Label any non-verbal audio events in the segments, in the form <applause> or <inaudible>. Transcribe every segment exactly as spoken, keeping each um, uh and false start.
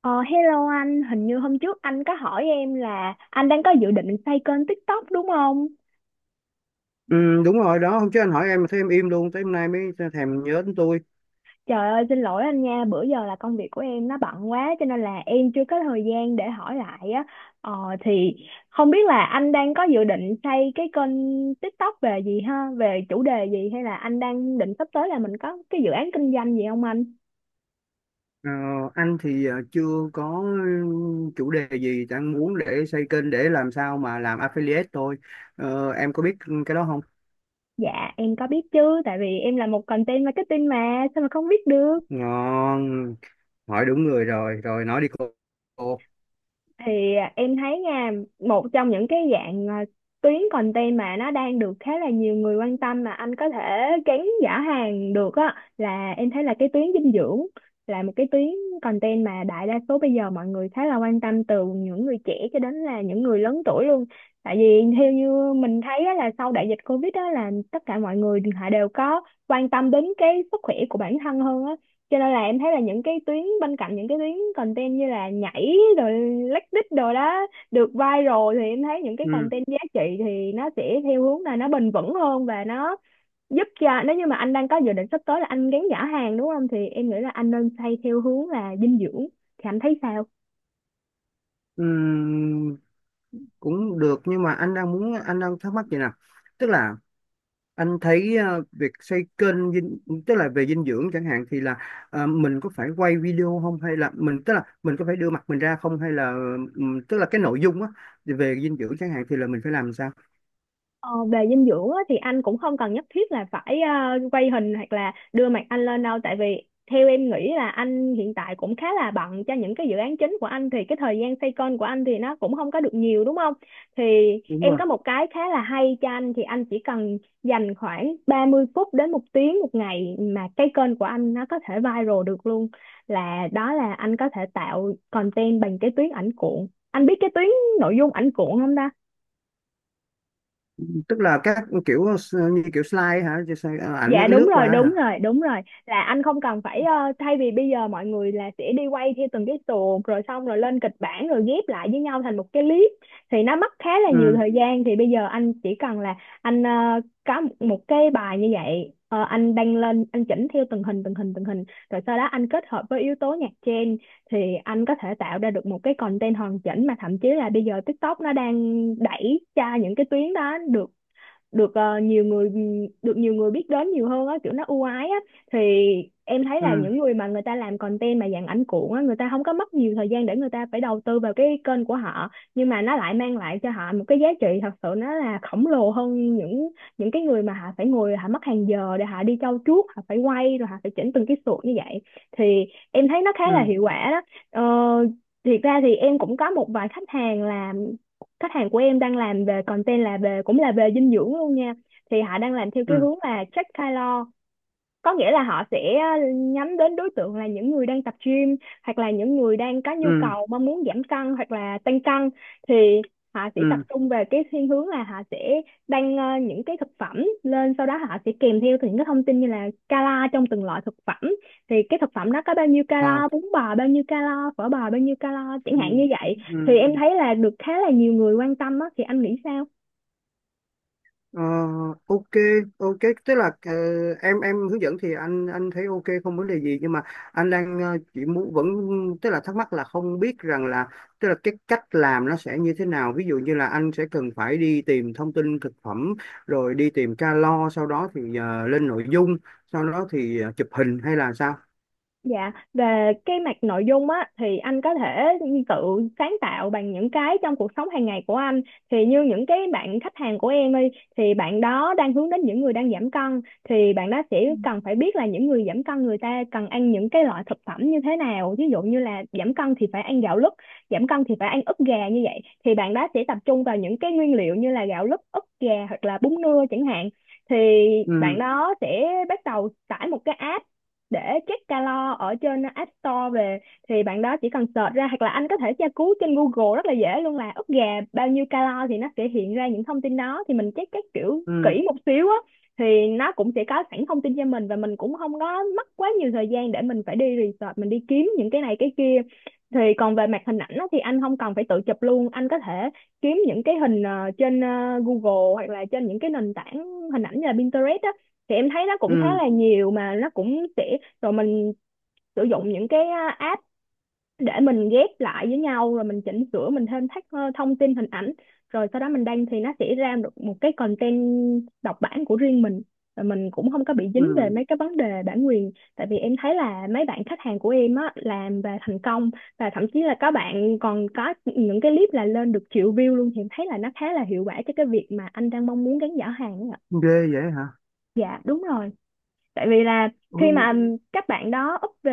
Ờ, hello anh, hình như hôm trước anh có hỏi em là anh đang có dự định xây kênh TikTok đúng không? Ừ, đúng rồi đó, hôm trước anh hỏi em mà thấy em im luôn tới hôm nay mới thèm nhớ đến tôi. Trời ơi, xin lỗi anh nha, bữa giờ là công việc của em nó bận quá cho nên là em chưa có thời gian để hỏi lại á. Ờ, thì không biết là anh đang có dự định xây cái kênh TikTok về gì ha? Về chủ đề gì hay là anh đang định sắp tới là mình có cái dự án kinh doanh gì không anh? Ờ, anh thì ờ, chưa có chủ đề gì đang muốn để xây kênh để làm sao mà làm affiliate thôi. Ờ, em có biết cái đó không? Dạ, em có biết chứ, tại vì em là một content marketing mà, sao mà không biết được? Ngon, hỏi đúng người rồi, rồi nói đi cô. Cô. thì à, em thấy nha, một trong những cái dạng à, tuyến content mà nó đang được khá là nhiều người quan tâm mà anh có thể gắn giả hàng được á, là em thấy là cái tuyến dinh dưỡng là một cái tuyến content mà đại đa số bây giờ mọi người khá là quan tâm, từ những người trẻ cho đến là những người lớn tuổi luôn. Tại vì theo như mình thấy á, là sau đại dịch Covid đó là tất cả mọi người họ đều có quan tâm đến cái sức khỏe của bản thân hơn á, cho nên là em thấy là những cái tuyến bên cạnh những cái tuyến content như là nhảy rồi lách đích rồi đó được viral, thì em thấy những cái ừ, content giá trị thì nó sẽ theo hướng là nó bền vững hơn, và nó giúp cho nếu như mà anh đang có dự định sắp tới là anh gắn giả hàng đúng không, thì em nghĩ là anh nên xây theo hướng là dinh dưỡng. Thì anh thấy sao? ừ, Cũng được, nhưng mà anh đang muốn, anh đang thắc mắc gì nè. Tức là anh thấy ờ, việc xây kênh dinh, tức là về dinh dưỡng chẳng hạn, thì là ờ, mình có phải quay video không, hay là mình, tức là mình có phải đưa mặt mình ra không, hay là ừm, tức là cái nội dung á, về dinh dưỡng chẳng hạn thì là mình phải làm sao? Ờ, về dinh dưỡng á, thì anh cũng không cần nhất thiết là phải ờ, quay hình hoặc là đưa mặt anh lên đâu, tại vì theo em nghĩ là anh hiện tại cũng khá là bận cho những cái dự án chính của anh, thì cái thời gian xoay kênh của anh thì nó cũng không có được nhiều đúng không? Thì Đúng em rồi. có một cái khá là hay cho anh, thì anh chỉ cần dành khoảng ba mươi phút đến một tiếng một ngày mà cái kênh của anh nó có thể viral được luôn, là đó là anh có thể tạo content bằng cái tuyến ảnh cuộn. Anh biết cái tuyến nội dung ảnh cuộn không? Tức là các kiểu s- như kiểu slide hả? Chứ sao- ờ, ảnh nó Dạ cái đúng lướt qua rồi, hả? đúng rồi, đúng rồi. Là anh không cần phải, ờ, thay vì bây giờ mọi người là sẽ đi quay theo từng cái tuồng rồi xong rồi lên kịch bản rồi ghép lại với nhau thành một cái clip thì nó mất khá là nhiều Ừ thời gian, thì bây giờ anh chỉ cần là anh ờ, có một một cái bài như vậy, ờ, anh đăng lên anh chỉnh theo từng hình từng hình từng hình, rồi sau đó anh kết hợp với yếu tố nhạc trend thì anh có thể tạo ra được một cái content hoàn chỉnh, mà thậm chí là bây giờ TikTok nó đang đẩy cho những cái tuyến đó được được ờ, nhiều người được nhiều người biết đến nhiều hơn á, kiểu nó ưu ái á. Thì em thấy là ừ những người mà người ta làm content mà dạng ảnh cuộn á, người ta không có mất nhiều thời gian để người ta phải đầu tư vào cái kênh của họ, nhưng mà nó lại mang lại cho họ một cái giá trị thật sự nó là khổng lồ hơn những những cái người mà họ phải ngồi họ mất hàng giờ để họ đi trau chuốt, họ phải quay rồi họ phải chỉnh từng cái sụt như vậy. Thì em thấy nó khá là ừ hiệu quả đó. ờ, Thiệt ra thì em cũng có một vài khách hàng là khách hàng của em đang làm về content là về cũng là về dinh dưỡng luôn nha, thì họ đang làm theo cái ừ hướng là track calo, có nghĩa là họ sẽ ờ, nhắm đến đối tượng là những người đang tập gym, hoặc là những người đang có nhu ừ cầu mong muốn giảm cân hoặc là tăng cân. Thì họ sẽ tập ừ trung về cái thiên hướng là họ sẽ đăng ờ, những cái thực phẩm lên, sau đó họ sẽ kèm theo những cái thông tin như là cala trong từng loại thực phẩm, thì cái thực phẩm đó có bao nhiêu ờ, cala, bún bò bao nhiêu cala, phở bò bao nhiêu cala chẳng ừ hạn như vậy. ừ Thì em ừ thấy là được khá là nhiều người quan tâm á, thì anh nghĩ sao? Ờ, ok, ok. Tức là ờ, em em hướng dẫn thì anh anh thấy ok, không vấn đề gì, nhưng mà anh đang ờ, chỉ muốn vẫn, tức là thắc mắc là không biết rằng là, tức là cái cách làm nó sẽ như thế nào. Ví dụ như là anh sẽ cần phải đi tìm thông tin thực phẩm, rồi đi tìm calo, sau đó thì ờ, lên nội dung, sau đó thì ờ, chụp hình hay là sao? Dạ, về cái mặt nội dung á, thì anh có thể tự sáng tạo bằng những cái trong cuộc sống hàng ngày của anh. Thì như những cái bạn khách hàng của em đi, thì bạn đó đang hướng đến những người đang giảm cân, thì bạn đó sẽ cần phải biết là những người giảm cân người ta cần ăn những cái loại thực phẩm như thế nào. Ví dụ như là giảm cân thì phải ăn gạo lứt, giảm cân thì phải ăn ức gà như vậy. Thì bạn đó sẽ tập trung vào những cái nguyên liệu như là gạo lứt, ức gà hoặc là bún nưa chẳng hạn. Thì bạn ừ đó sẽ bắt đầu tải một cái app để check calo ở trên App Store về, thì bạn đó chỉ cần search ra, hoặc là anh có thể tra cứu trên Google rất là dễ luôn, là ức gà bao nhiêu calo thì nó sẽ hiện ra những thông tin đó. Thì mình check các kiểu ừ kỹ một xíu á, thì nó cũng sẽ có sẵn thông tin cho mình, và mình cũng không có mất quá nhiều thời gian để mình phải đi research mình đi kiếm những cái này cái kia. Thì còn về mặt hình ảnh á, thì anh không cần phải tự chụp luôn, anh có thể kiếm những cái hình ờ, trên ờ, Google hoặc là trên những cái nền tảng hình ảnh như là Pinterest á, thì em thấy nó cũng khá ừ là nhiều mà nó cũng sẽ... Rồi mình sử dụng những cái á, app để mình ghép lại với nhau, rồi mình chỉnh sửa mình thêm thắt ờ, thông tin hình ảnh, rồi sau đó mình đăng thì nó sẽ ra được một cái content độc bản của riêng mình, rồi mình cũng không có bị dính về ừ mấy cái vấn đề bản quyền, tại vì em thấy là mấy bạn khách hàng của em á làm và thành công, và thậm chí là các bạn còn có những cái clip là lên được triệu view luôn. Thì em thấy là nó khá là hiệu quả cho cái việc mà anh đang mong muốn gắn giả hàng ấy ạ. Ghê vậy hả? Dạ đúng rồi. Tại vì là khi ừ mà các bạn đó úp về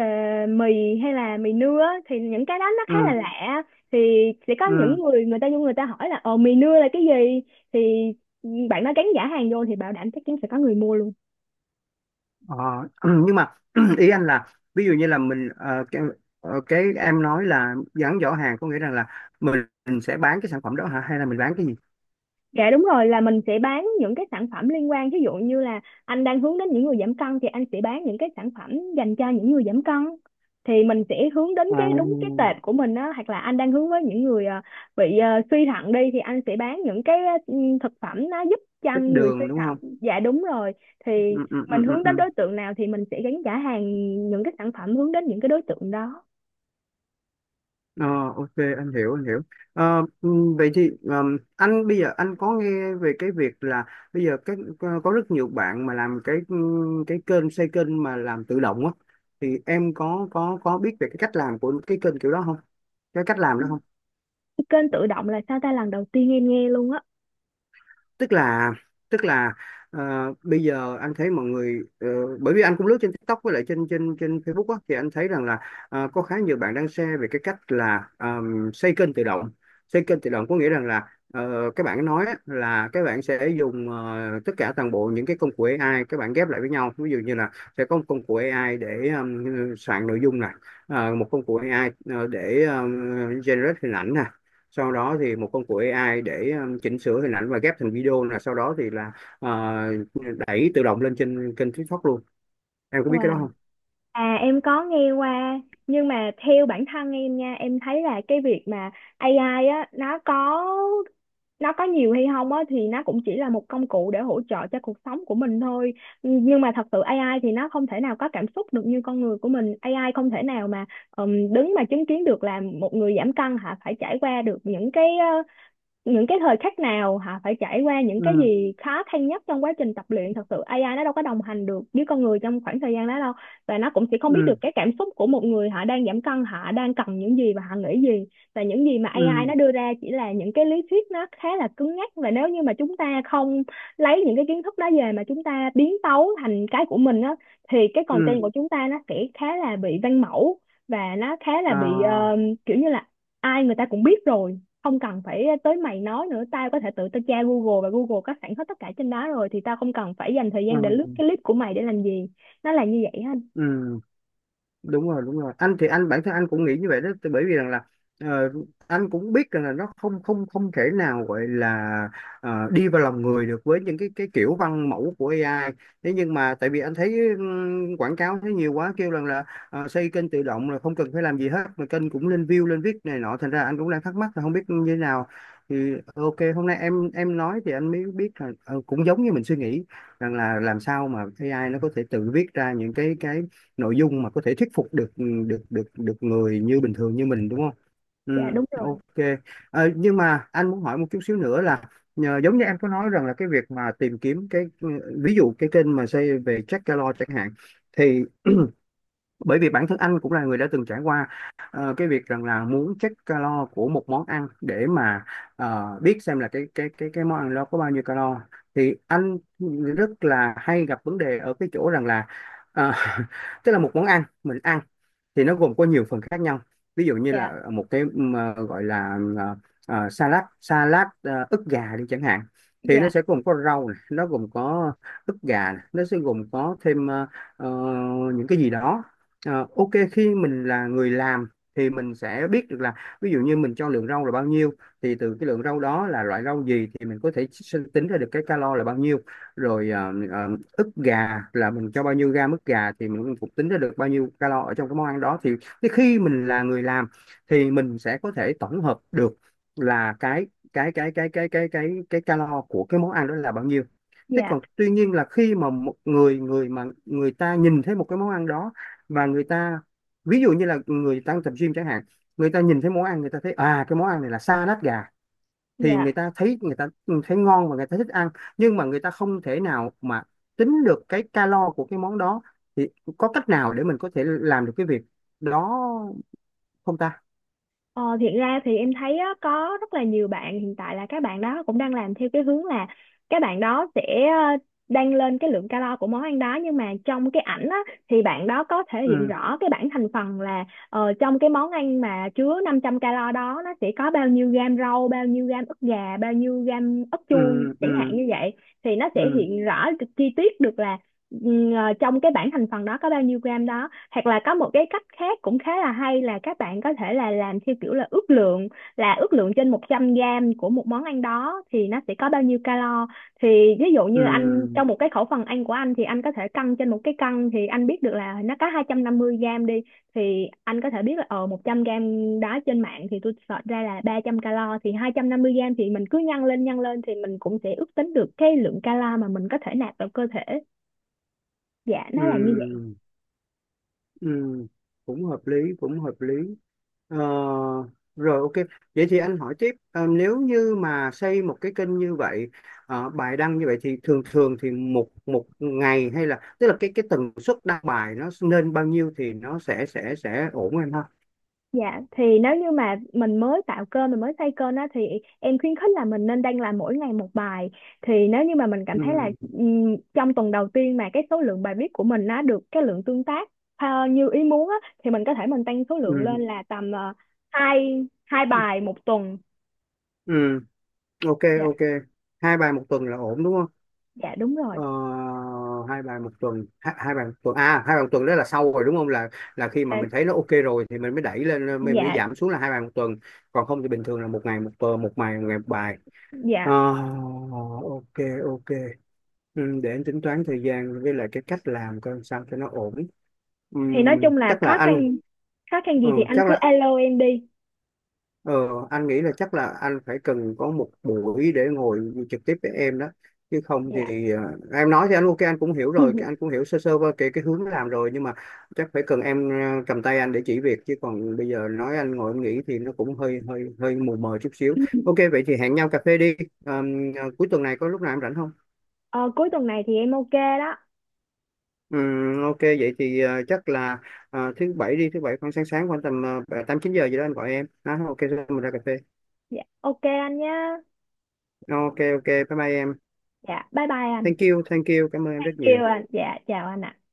mì hay là mì nưa á, thì những cái đó nó khá là ừ lạ, thì sẽ có ừ những người, người ta vô người ta hỏi là ồ mì nưa là cái gì, thì bạn đó gắn giả hàng vô thì bảo đảm chắc chắn sẽ có người mua luôn. Ờ, <clears throat> nhưng mà <clears throat> ý anh là, ví dụ như là mình ờ, cái, ờ, cái em nói là gắn giỏ hàng, có nghĩa rằng là mình, mình sẽ bán cái sản phẩm đó hả, hay là mình bán cái gì? Dạ đúng rồi, là mình sẽ bán những cái sản phẩm liên quan, ví dụ như là anh đang hướng đến những người giảm cân thì anh sẽ bán những cái sản phẩm dành cho những người giảm cân, thì mình sẽ hướng đến À, cái đúng cái tệp của mình đó. Hoặc là anh đang hướng với những người ờ, bị ờ, suy thận đi thì anh sẽ bán những cái ờ, ừ, thực phẩm nó giúp cho ít người suy đường đúng không? thận. Dạ đúng rồi, Ừ, thì ừ, mình ừ, ừ, hướng đến ừ. đối tượng nào thì mình sẽ gắn trả hàng những cái sản phẩm hướng đến những cái đối tượng đó. Ờ, ok, anh hiểu, anh hiểu. Ờ, ừ, Vậy thì ờm, anh bây giờ anh có nghe về cái việc là bây giờ các có có rất nhiều bạn mà làm cái ừ, cái kênh, xây kênh mà làm tự động á, thì em có có có biết về cái cách làm của cái kênh kiểu đó không? Cái cách làm đó không? Kênh tự động là sao ta? Lần đầu tiên em nghe luôn á. tức là Tức là ờ, bây giờ anh thấy mọi người, ờ, bởi vì anh cũng lướt trên TikTok với lại trên trên trên Facebook á, thì anh thấy rằng là ờ, có khá nhiều bạn đang share về cái cách là ờm, xây kênh tự động. Xây kênh tự động có nghĩa rằng là ờ, các bạn nói á, là các bạn sẽ dùng ờ, tất cả toàn bộ những cái công cụ a i, các bạn ghép lại với nhau, ví dụ như là sẽ có một công cụ a i để ờm, soạn nội dung này, ờ, một công cụ a i ờ, để ờm, generate hình ảnh nè, sau đó thì một công cụ a i để um, chỉnh sửa hình ảnh và ghép thành video, là sau đó thì là ờ, đẩy tự động lên trên kênh TikTok luôn. Em có biết cái đó Wow. không? À em có nghe qua, nhưng mà theo bản thân em nha, em thấy là cái việc mà a i á nó có nó có nhiều hay không á, thì nó cũng chỉ là một công cụ để hỗ trợ cho cuộc sống của mình thôi, nhưng mà thật sự a i thì nó không thể nào có cảm xúc được như con người của mình. a i không thể nào mà ừm, đứng mà chứng kiến được là một người giảm cân hả phải trải qua được những cái ờ, những cái thời khắc nào, hả phải trải qua những cái ừ gì khó khăn nhất trong quá trình tập luyện. Thật sự a i nó đâu có đồng hành được với con người trong khoảng thời gian đó đâu, và nó cũng sẽ không biết ừ được cái cảm xúc của một người, họ đang giảm cân họ đang cần những gì và họ nghĩ gì. Và những gì mà a i ừ nó đưa ra chỉ là những cái lý thuyết, nó khá là cứng nhắc, và nếu như mà chúng ta không lấy những cái kiến thức đó về mà chúng ta biến tấu thành cái của mình á, thì cái content ừ của chúng ta nó sẽ khá là bị văn mẫu, và nó khá là ờ, bị ờ, kiểu như là ai người ta cũng biết rồi, không cần phải tới mày nói nữa, tao có thể tự tao tra Google và Google có sẵn hết tất cả trên đó rồi, thì tao không cần phải dành thời ừ gian để lướt cái clip của mày để làm gì. Nó là như vậy ha. ừ Đúng rồi, đúng rồi, anh thì anh bản thân anh cũng nghĩ như vậy đó. Tại bởi vì rằng là ờ, anh cũng biết rằng là nó không không không thể nào gọi là ờ, đi vào lòng người được với những cái cái kiểu văn mẫu của a i. Thế nhưng mà tại vì anh thấy ừm, quảng cáo thấy nhiều quá, kêu rằng là ờ, xây kênh tự động là không cần phải làm gì hết mà kênh cũng lên view, lên viết này nọ, thành ra anh cũng đang thắc mắc là không biết như thế nào. Thì ok, hôm nay em em nói thì anh mới biết là ờ, cũng giống như mình suy nghĩ, rằng là làm sao mà a i nó có thể tự viết ra những cái cái nội dung mà có thể thuyết phục được được được được người như bình thường như mình đúng không? Ừ, Dạ đúng rồi. ok. Ờ, nhưng mà anh muốn hỏi một chút xíu nữa là, nhờ, giống như em có nói rằng là cái việc mà tìm kiếm cái, ví dụ cái kênh mà xây về Jack Gallo chẳng hạn, thì <clears throat> bởi vì bản thân anh cũng là người đã từng trải qua ờ, cái việc rằng là muốn check calo của một món ăn để mà ờ, biết xem là cái cái cái cái món ăn đó có bao nhiêu calo. Thì anh rất là hay gặp vấn đề ở cái chỗ rằng là ờ, <laughs> tức là một món ăn mình ăn thì nó gồm có nhiều phần khác nhau. Ví dụ như Dạ, là một cái mà gọi là ờ, ờ, salad, salad ờ, ức gà đi chẳng hạn, thì nó dạ, sẽ gồm có rau này, nó gồm có ức gà này, nó sẽ gồm có thêm ờ, ờ, những cái gì đó. Ờ, ok, khi mình là người làm thì mình sẽ biết được là, ví dụ như mình cho lượng rau là bao nhiêu, thì từ cái lượng rau đó là loại rau gì thì mình có thể sinh- tính ra được cái calo là bao nhiêu, rồi ờ, ờ, ức gà là mình cho bao nhiêu gam ức gà thì mình cũng tính ra được bao nhiêu calo ở trong cái món ăn đó. Thì cái khi mình là người làm thì mình sẽ có thể tổng hợp được là cái cái cái cái cái cái cái cái calo của cái món ăn đó là bao nhiêu. Thế dạ, còn tuy nhiên là khi mà một người người mà người ta nhìn thấy một cái món ăn đó, và người ta, ví dụ như là người đang tập gym chẳng hạn, người ta nhìn thấy món ăn, người ta thấy à cái món ăn này là sa lát gà, thì dạ. người ta thấy, người ta thấy ngon và người ta thích ăn, nhưng mà người ta không thể nào mà tính được cái calo của cái món đó. Thì có cách nào để mình có thể làm được cái việc đó không ta? ờ, Thiệt ra thì em thấy á, có rất là nhiều bạn hiện tại là các bạn đó cũng đang làm theo cái hướng là các bạn đó sẽ ờ, đang lên cái lượng calo của món ăn đó, nhưng mà trong cái ảnh á, thì bạn đó có thể hiện ừ rõ cái bảng thành phần là ờ, trong cái món ăn mà chứa năm trăm calo đó, nó sẽ có bao nhiêu gam rau, bao nhiêu gam ức gà, bao nhiêu gam ức ừ chuông chẳng hạn ừ như vậy. Thì nó sẽ ừ hiện rõ chi tiết được là ừ, ờ, trong cái bảng thành phần đó có bao nhiêu gram đó. Hoặc là có một cái cách khác cũng khá là hay, là các bạn có thể là làm theo kiểu là ước lượng, là ước lượng trên một trăm gram của một món ăn đó thì nó sẽ có bao nhiêu calo. Thì ví dụ như anh ừ trong một cái khẩu phần ăn của anh thì anh có thể cân trên một cái cân, thì anh biết được là nó có hai trăm năm mươi gram đi, thì anh có thể biết là ờ một trăm gram đó trên mạng thì tôi search ra là ba trăm calo, thì hai trăm năm mươi gram thì mình cứ nhân lên nhân lên thì mình cũng sẽ ước tính được cái lượng calo mà mình có thể nạp vào cơ thể. Dạ ừ nó là như... ừ ừ, cũng hợp lý, cũng hợp lý. Ờ, Rồi, ok. Vậy thì anh hỏi tiếp, ờ, nếu như mà xây một cái kênh như vậy, ờ, bài đăng như vậy, thì thường thường thì một, một ngày, hay là tức là cái cái tần suất đăng bài nó nên bao nhiêu thì nó sẽ sẽ sẽ ổn em ha. Dạ thì nếu như mà mình mới tạo kênh mình mới xây kênh á, thì em khuyến khích là mình nên đăng làm mỗi ngày một bài. Thì nếu như mà mình cảm thấy là Ừ, ừm, trong tuần đầu tiên mà cái số lượng bài viết của mình nó được cái lượng tương tác ờ, như ý muốn á, thì mình có thể mình tăng số lượng lên ừ, là tầm ờ, hai hai bài một tuần. ừ, ok, Dạ. ok. Hai bài một tuần là ổn đúng không? Dạ đúng rồi. Ờ, Hai bài một tuần, hai, hai bài một tuần à, hai bài một tuần đó là sau rồi đúng không, là là khi mà Ờ, mình thấy nó ok rồi thì mình mới đẩy lên, mình mới dạ. giảm xuống là hai bài một tuần, còn không thì bình thường là một ngày một tuần, một ngày, một ngày một bài. Dạ. Ờ, ok, ok, ừ, để anh tính toán thời gian với lại cái cách làm coi sao cho nó ổn. Thì nói Ừm, chung là chắc là khó anh khăn. Khó khăn ừ, gì thì anh chắc cứ là alo em đi. Ờ, Anh nghĩ là chắc là anh phải cần có một buổi để ngồi trực tiếp với em đó, chứ không Dạ. thì ờ, em nói thì anh ok, anh cũng hiểu rồi, anh cũng hiểu sơ sơ qua cái cái hướng làm rồi, nhưng mà chắc phải cần em ờ, cầm tay anh để chỉ việc, chứ còn bây giờ nói anh ngồi anh nghĩ thì nó cũng hơi hơi hơi mù mờ chút xíu. Ok, <laughs> vậy thì hẹn nhau cà phê đi. Ờ, Cuối tuần này có lúc nào em rảnh không? Ờ, cuối tuần này thì em ok đó. Ừm, ok, vậy thì ờ, chắc là ờ, thứ bảy đi, thứ bảy khoảng sáng, sáng khoảng tầm uh, tám chín giờ gì đó anh gọi em. Đó, ok, rồi mình ra cà phê. Dạ ok anh nhá. Ờ, ok, ok, bye bye em. Dạ bye bye anh. Thank you, thank you, cảm ơn em rất nhiều. Kêu anh, dạ chào anh ạ.